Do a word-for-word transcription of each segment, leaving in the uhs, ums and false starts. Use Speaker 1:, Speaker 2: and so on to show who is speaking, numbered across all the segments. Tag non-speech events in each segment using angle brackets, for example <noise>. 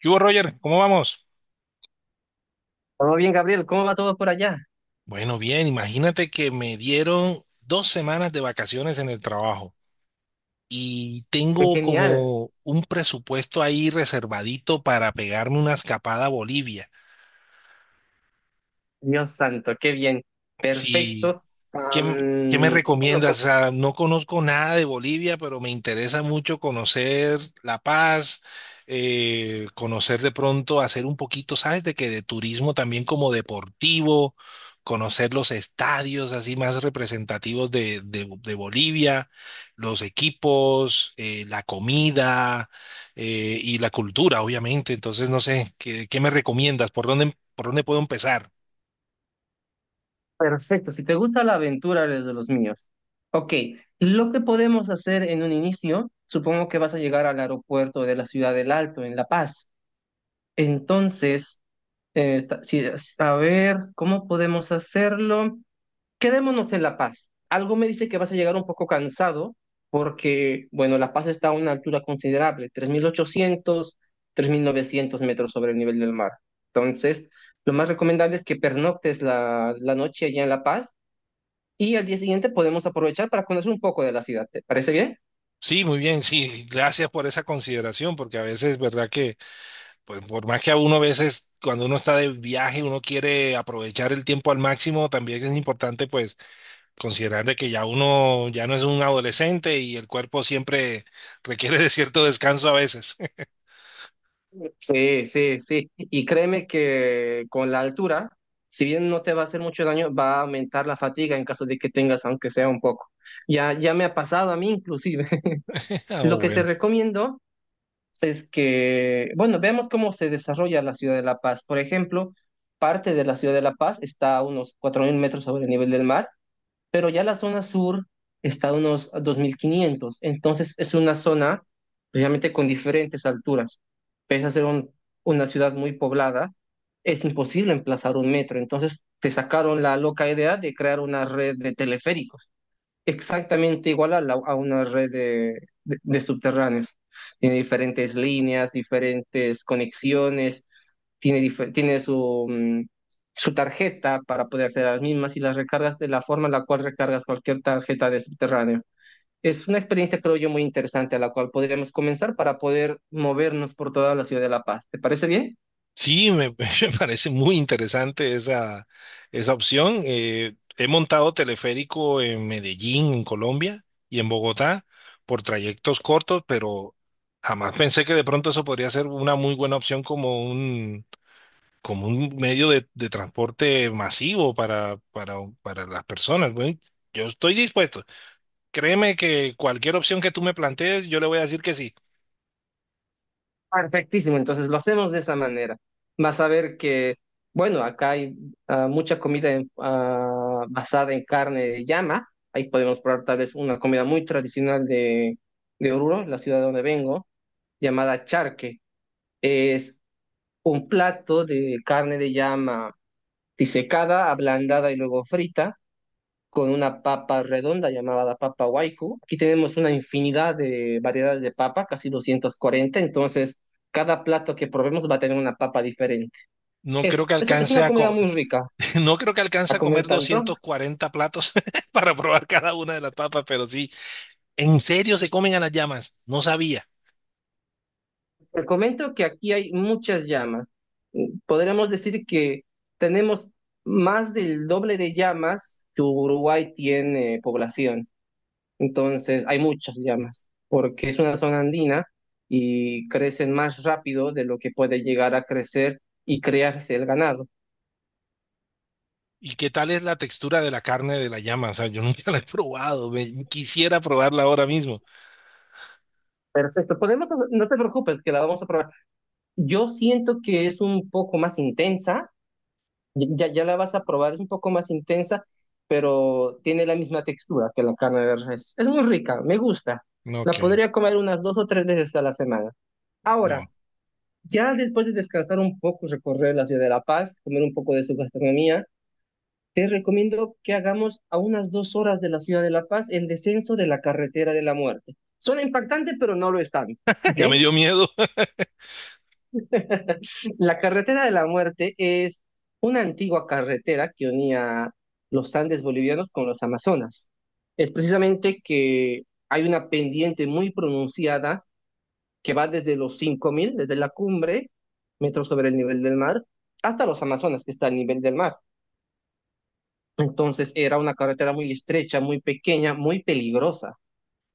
Speaker 1: ¿Qué hubo, Roger? ¿Cómo vamos?
Speaker 2: Todo bien, Gabriel, ¿cómo va todo por allá?
Speaker 1: Bueno, bien, imagínate que me dieron dos semanas de vacaciones en el trabajo y
Speaker 2: Qué
Speaker 1: tengo
Speaker 2: genial,
Speaker 1: como un presupuesto ahí reservadito para pegarme una escapada a Bolivia.
Speaker 2: Dios santo, qué bien,
Speaker 1: Si
Speaker 2: perfecto.
Speaker 1: ¿Qué, qué me
Speaker 2: Am, bueno, com-
Speaker 1: recomiendas? O sea, no conozco nada de Bolivia, pero me interesa mucho conocer La Paz, eh, conocer de pronto, hacer un poquito, ¿sabes? De que de turismo también como deportivo, conocer los estadios así más representativos de, de- de Bolivia, los equipos, eh, la comida, eh, y la cultura, obviamente. Entonces, no sé, ¿qué, qué me recomiendas? ¿Por dónde, por dónde puedo empezar?
Speaker 2: perfecto, si te gusta la aventura, eres de los míos. Ok, lo que podemos hacer en un inicio, supongo que vas a llegar al aeropuerto de la Ciudad del Alto, en La Paz. Entonces, eh, ta- si- a ver, ¿cómo podemos hacerlo? Quedémonos en La Paz. Algo me dice que vas a llegar un poco cansado porque, bueno, La Paz está a una altura considerable, tres tres mil ochocientos, tres mil novecientos metros sobre el nivel del mar. Entonces, lo más recomendable es que pernoctes la, la noche allá en La Paz y al día siguiente podemos aprovechar para conocer un poco de la ciudad. ¿Te parece bien?
Speaker 1: Sí, muy bien, sí, gracias por esa consideración, porque a veces, verdad que, pues, por más que a uno a veces, cuando uno está de viaje, uno quiere aprovechar el tiempo al máximo, también es importante, pues, considerar de que ya uno ya no es un adolescente y el cuerpo siempre requiere de cierto descanso a veces. <laughs>
Speaker 2: Sí, sí, sí. Y créeme que con la altura, si bien no te va a hacer mucho daño, va a aumentar la fatiga en caso de que tengas, aunque sea un poco. Ya, ya me ha pasado a mí inclusive.
Speaker 1: Ah,
Speaker 2: Lo que te
Speaker 1: bueno.
Speaker 2: recomiendo es que, bueno, veamos cómo se desarrolla la ciudad de La Paz. Por ejemplo, parte de la ciudad de La Paz está a unos cuatro mil metros sobre el nivel del mar, pero ya la zona sur está a unos dos mil quinientos. Entonces es una zona precisamente con diferentes alturas. Pese a ser un- una ciudad muy poblada, es imposible emplazar un metro. Entonces te sacaron la loca idea de crear una red de teleféricos exactamente igual a, la- a una red de, de- de subterráneos. Tiene diferentes líneas, diferentes conexiones, tiene, dife- tiene su, mm, su tarjeta para poder hacer las mismas y las recargas de la forma en la cual recargas cualquier tarjeta de subterráneo. Es una experiencia, creo yo, muy interesante a la cual podríamos comenzar para poder movernos por toda la ciudad de La Paz. ¿Te parece bien?
Speaker 1: Sí, me, <laughs> me parece muy interesante esa, esa opción. Eh, he montado teleférico en Medellín, en Colombia, y en Bogotá por trayectos cortos, pero jamás pensé que de pronto eso podría ser una muy buena opción como un, como un medio de, de transporte masivo para, para, para las personas. Bueno, yo estoy dispuesto. Créeme que cualquier opción que tú me plantees, yo le voy a decir que sí.
Speaker 2: Perfectísimo, entonces lo hacemos de esa manera. Vas a ver que, bueno, acá hay ah, mucha comida en- ah, basada en carne de llama. Ahí podemos probar tal vez una comida muy tradicional de, de Oruro, la ciudad de donde vengo, llamada charque. Es un plato de carne de llama disecada, ablandada y luego frita con una papa redonda llamada la papa waiku. Aquí tenemos una infinidad de variedades de papa, casi doscientos cuarenta, entonces cada plato que probemos va a tener una papa diferente.
Speaker 1: No creo
Speaker 2: Es,
Speaker 1: que
Speaker 2: es, es
Speaker 1: alcance
Speaker 2: una
Speaker 1: a,
Speaker 2: comida
Speaker 1: co-
Speaker 2: muy rica
Speaker 1: <laughs> No creo que
Speaker 2: a
Speaker 1: alcance a
Speaker 2: comer
Speaker 1: comer
Speaker 2: tanto.
Speaker 1: doscientos cuarenta platos <laughs> para probar cada una de las papas, pero sí, en serio se comen a las llamas, no sabía.
Speaker 2: Te comento que aquí hay muchas llamas. Podríamos decir que tenemos más del doble de llamas que Uruguay tiene población. Entonces, hay muchas llamas, porque es una zona andina y crecen más rápido de lo que puede llegar a crecer y crearse el ganado.
Speaker 1: ¿Y qué tal es la textura de la carne de la llama? O sea, yo <laughs> nunca la he probado, me- quisiera probarla ahora mismo.
Speaker 2: Perfecto, podemos, no te preocupes, que la vamos a probar. Yo siento que es un poco más intensa, ya, ya la vas a probar, es un poco más intensa, pero tiene la misma textura que la carne de res. Es muy rica, me gusta.
Speaker 1: No,
Speaker 2: La
Speaker 1: ok,
Speaker 2: podría comer unas dos o tres veces a la semana.
Speaker 1: no,
Speaker 2: Ahora, ya después de descansar un poco, recorrer la ciudad de La Paz, comer un poco de su gastronomía, te recomiendo que hagamos a unas dos horas de la ciudad de La Paz el descenso de la carretera de la muerte. Suena impactante, pero no lo es tanto,
Speaker 1: <laughs>
Speaker 2: ¿ok?
Speaker 1: ya me dio miedo. <laughs>
Speaker 2: <laughs> La carretera de la muerte es una antigua carretera que unía los Andes bolivianos con los Amazonas. Es precisamente que hay una pendiente muy pronunciada que va desde los cinco mil, desde la cumbre, metros sobre el nivel del mar, hasta los Amazonas, que está al nivel del mar. Entonces era una carretera muy estrecha, muy pequeña, muy peligrosa,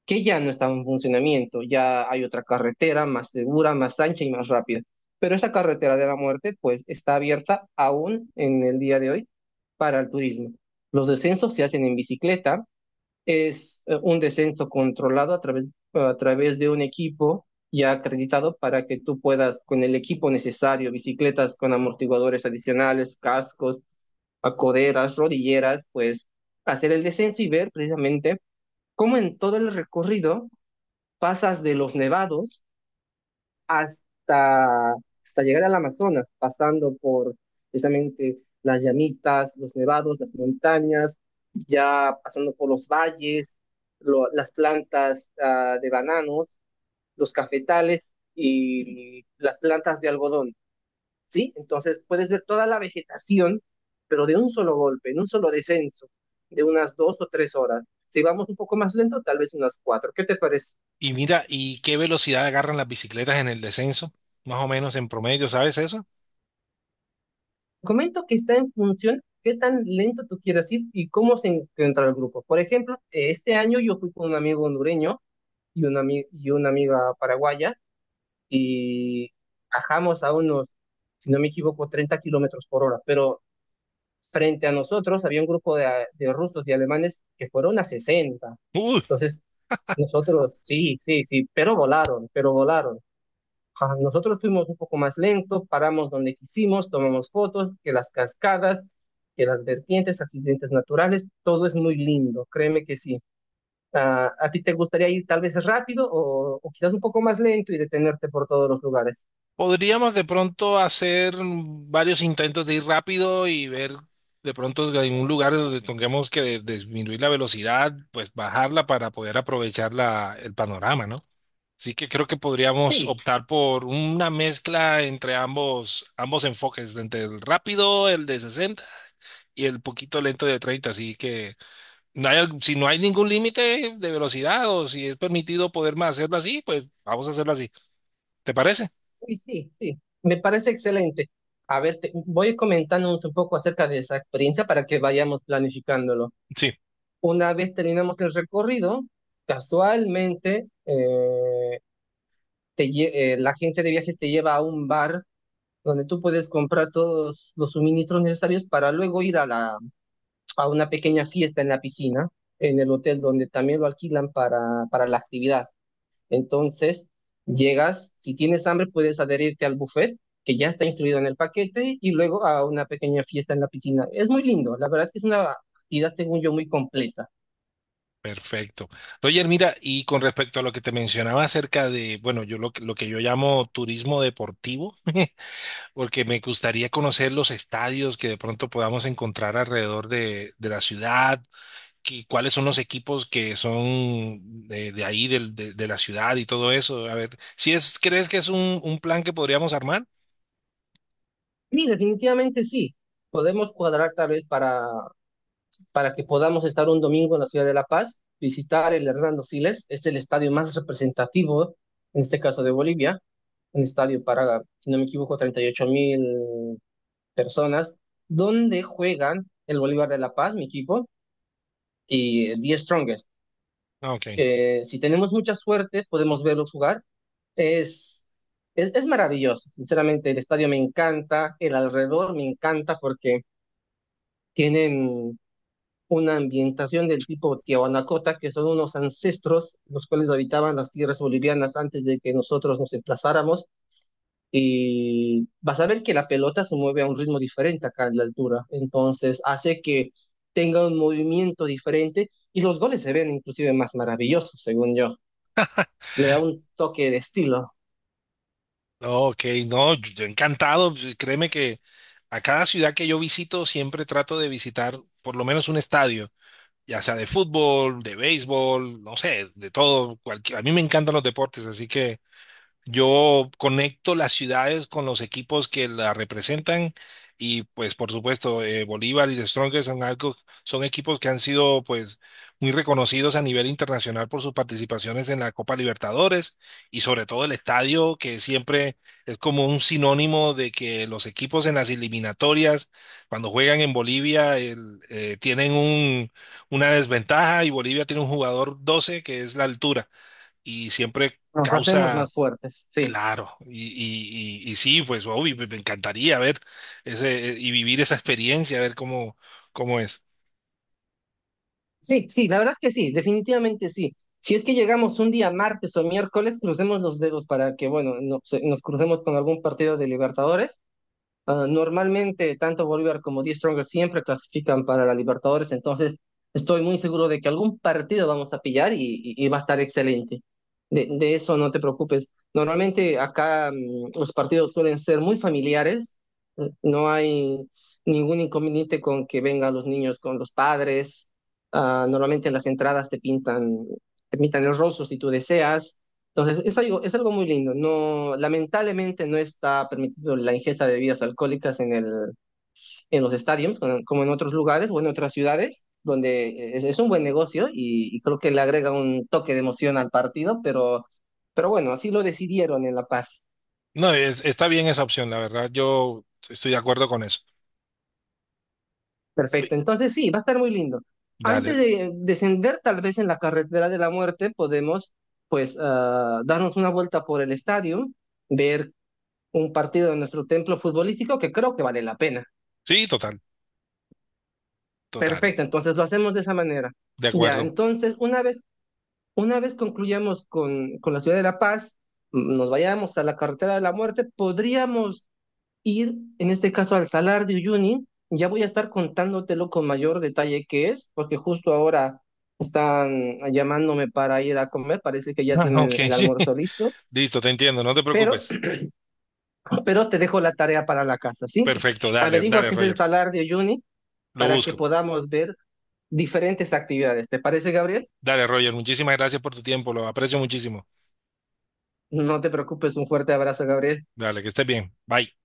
Speaker 2: que ya no estaba en funcionamiento. Ya hay otra carretera más segura, más ancha y más rápida. Pero esta carretera de la muerte, pues, está abierta aún en el día de hoy para el turismo. Los descensos se hacen en bicicleta. Es eh, un descenso controlado a través, a través de un equipo ya acreditado para que tú puedas, con el equipo necesario, bicicletas con amortiguadores adicionales, cascos, a coderas, rodilleras, pues hacer el descenso y ver precisamente cómo en todo el recorrido pasas de los nevados hasta, hasta llegar al Amazonas, pasando por precisamente las llamitas, los nevados, las montañas, ya pasando por los valles, lo- las plantas ah, de bananos, los cafetales y las plantas de algodón. ¿Sí? Entonces puedes ver toda la vegetación, pero de un solo golpe, en un solo descenso, de unas dos o tres horas. Si vamos un poco más lento, tal vez unas cuatro. ¿Qué te parece?
Speaker 1: Y mira, ¿y qué velocidad agarran las bicicletas en el descenso? Más o menos en promedio, ¿sabes eso?
Speaker 2: Comento que está en función qué tan lento tú quieras ir y cómo se encuentra el grupo. Por ejemplo, eh, este año yo fui con un amigo hondureño y una, ami- y una amiga paraguaya y bajamos a unos, si no me equivoco, treinta kilómetros por hora, pero frente a nosotros había un grupo de, de rusos y alemanes que fueron a sesenta.
Speaker 1: Uy.
Speaker 2: Entonces, nosotros, sí, sí, sí, pero volaron, pero volaron. Ajá, nosotros fuimos un poco más lentos, paramos donde quisimos, tomamos fotos, que las cascadas, que las vertientes, accidentes naturales, todo es muy lindo, créeme que sí. ¿A, a ti te gustaría ir tal vez rápido o, o quizás un poco más lento y detenerte por todos los lugares?
Speaker 1: Podríamos de pronto hacer varios intentos de ir rápido y ver de pronto en un lugar donde tengamos que de- disminuir la velocidad, pues bajarla para poder aprovechar la, el panorama, ¿no? Así que creo que podríamos
Speaker 2: Sí.
Speaker 1: optar por una mezcla entre ambos, ambos enfoques, entre el rápido, el de sesenta, y el poquito lento de treinta. Así que no hay, al- si no hay ningún límite de velocidad o si es permitido poder más hacerlo así, pues vamos a hacerlo así. ¿Te parece?
Speaker 2: Uy, sí, sí, me parece excelente. A ver, te- voy comentándonos un poco acerca de esa experiencia para que vayamos planificándolo.
Speaker 1: Sí.
Speaker 2: Una vez terminamos el recorrido, casualmente eh, te lle- eh, la agencia de viajes te lleva a un bar donde tú puedes comprar todos los suministros necesarios para luego ir a la, a una pequeña fiesta en la piscina, en el hotel donde también lo alquilan para, para la actividad. Entonces, llegas, si tienes hambre, puedes adherirte al buffet, que ya está incluido en el paquete, y luego a una pequeña fiesta en la piscina. Es muy lindo, la verdad que es una actividad, según yo, muy completa.
Speaker 1: Perfecto. Roger, mira, y con respecto a lo que te mencionaba acerca de, bueno, yo lo, que- lo que yo llamo turismo deportivo, <laughs> porque me gustaría conocer los estadios que de pronto podamos encontrar alrededor de, de la ciudad, y cuáles son los equipos que son de, de ahí, del- de, de la ciudad y todo eso. A ver, si es, ¿crees que es un, un plan que podríamos armar?
Speaker 2: Sí, definitivamente sí. Podemos cuadrar tal vez para, para que podamos estar un domingo en la ciudad de La Paz, visitar el Hernando Siles, es el estadio más representativo, en este caso de Bolivia, un estadio para, si no me equivoco, treinta y ocho mil personas, donde juegan el Bolívar de La Paz, mi equipo, y the Strongest.
Speaker 1: Ah, ok.
Speaker 2: Eh, si tenemos mucha suerte, podemos verlos jugar. Es, es, es maravilloso, sinceramente. El estadio me encanta, el alrededor me encanta porque tienen una ambientación del tipo Tiahuanacota, que son unos ancestros los cuales habitaban las tierras bolivianas antes de que nosotros nos emplazáramos y vas a ver que la pelota se mueve a un ritmo diferente acá en la altura. Entonces hace que tenga un movimiento diferente y los goles se ven inclusive más maravillosos, según yo. Le da un toque de estilo.
Speaker 1: No, ok, no, yo yo encantado. Créeme que a cada ciudad que yo visito siempre trato de visitar por lo menos un estadio. Ya sea de fútbol, de béisbol, no sé, de todo. Cualquier- a mí me encantan los deportes, así que yo conecto las ciudades con los equipos que la representan, y pues por supuesto eh, Bolívar y The Strongest son algo, son equipos que han sido, pues, muy reconocidos a nivel internacional por sus participaciones en la Copa Libertadores, y sobre todo el estadio que siempre es como un sinónimo de que los equipos en las eliminatorias cuando juegan en Bolivia el- eh, tienen un, una desventaja, y Bolivia tiene un jugador doce que es la altura y siempre
Speaker 2: Nos hacemos
Speaker 1: causa.
Speaker 2: más fuertes, sí.
Speaker 1: Claro, y, y, y, y sí, pues obvio, me me encantaría ver ese eh, Y vivir esa experiencia, ver cómo, cómo es.
Speaker 2: Sí, sí, la verdad que sí, definitivamente sí. Si es que llegamos un día martes o miércoles, crucemos los dedos para que, bueno, no- se- nos crucemos con algún partido de Libertadores. Ah, normalmente, tanto Bolívar como Die Stronger siempre clasifican para la Libertadores, entonces estoy muy seguro de que algún partido vamos a pillar y, y- y va a estar excelente. De, de eso no te preocupes. Normalmente acá mm, los partidos suelen ser muy familiares, eh, no hay ningún inconveniente con que vengan los niños con los padres. Ah, normalmente en las entradas te pintan, te pintan el rostro si tú deseas. Entonces, es algo, es algo muy lindo. No, lamentablemente no está permitido la ingesta de bebidas alcohólicas en el, en los estadios, con- como en otros lugares o en otras ciudades, donde es, es un buen negocio y, y creo que le agrega un toque de emoción al partido, pero, pero bueno, así lo decidieron en La Paz.
Speaker 1: No, es- está bien esa opción, la verdad, yo estoy de acuerdo con eso.
Speaker 2: Perfecto. Entonces, sí, va a estar muy lindo. Antes
Speaker 1: Dale,
Speaker 2: de descender, tal vez en la carretera de la muerte, podemos, pues, ah, darnos una vuelta por el estadio, ver un partido de nuestro templo futbolístico que creo que vale la pena.
Speaker 1: sí, total, total,
Speaker 2: Perfecto, entonces lo hacemos de esa manera.
Speaker 1: de
Speaker 2: Ya,
Speaker 1: acuerdo.
Speaker 2: entonces una vez, una vez concluyamos con, con la ciudad de La Paz, m- nos vayamos a la carretera de la muerte, podríamos ir, en este caso, al Salar de Uyuni. Ya voy a estar contándotelo con mayor detalle qué es, porque justo ahora están llamándome para ir a comer, parece que ya
Speaker 1: Ah, ok,
Speaker 2: tienen
Speaker 1: <laughs>
Speaker 2: el
Speaker 1: sí.
Speaker 2: almuerzo listo,
Speaker 1: Listo, te entiendo, no te
Speaker 2: pero,
Speaker 1: preocupes.
Speaker 2: <clears throat> pero te dejo la tarea para la casa, ¿sí?
Speaker 1: Perfecto, dale,
Speaker 2: Averigua
Speaker 1: dale,
Speaker 2: qué es el
Speaker 1: Roger,
Speaker 2: Salar de Uyuni
Speaker 1: lo
Speaker 2: para que
Speaker 1: busco.
Speaker 2: podamos ver diferentes actividades. ¿Te parece, Gabriel?
Speaker 1: Dale, Roger, muchísimas gracias por tu tiempo, lo aprecio muchísimo.
Speaker 2: No te preocupes, un fuerte abrazo, Gabriel.
Speaker 1: Dale, que estés bien, bye.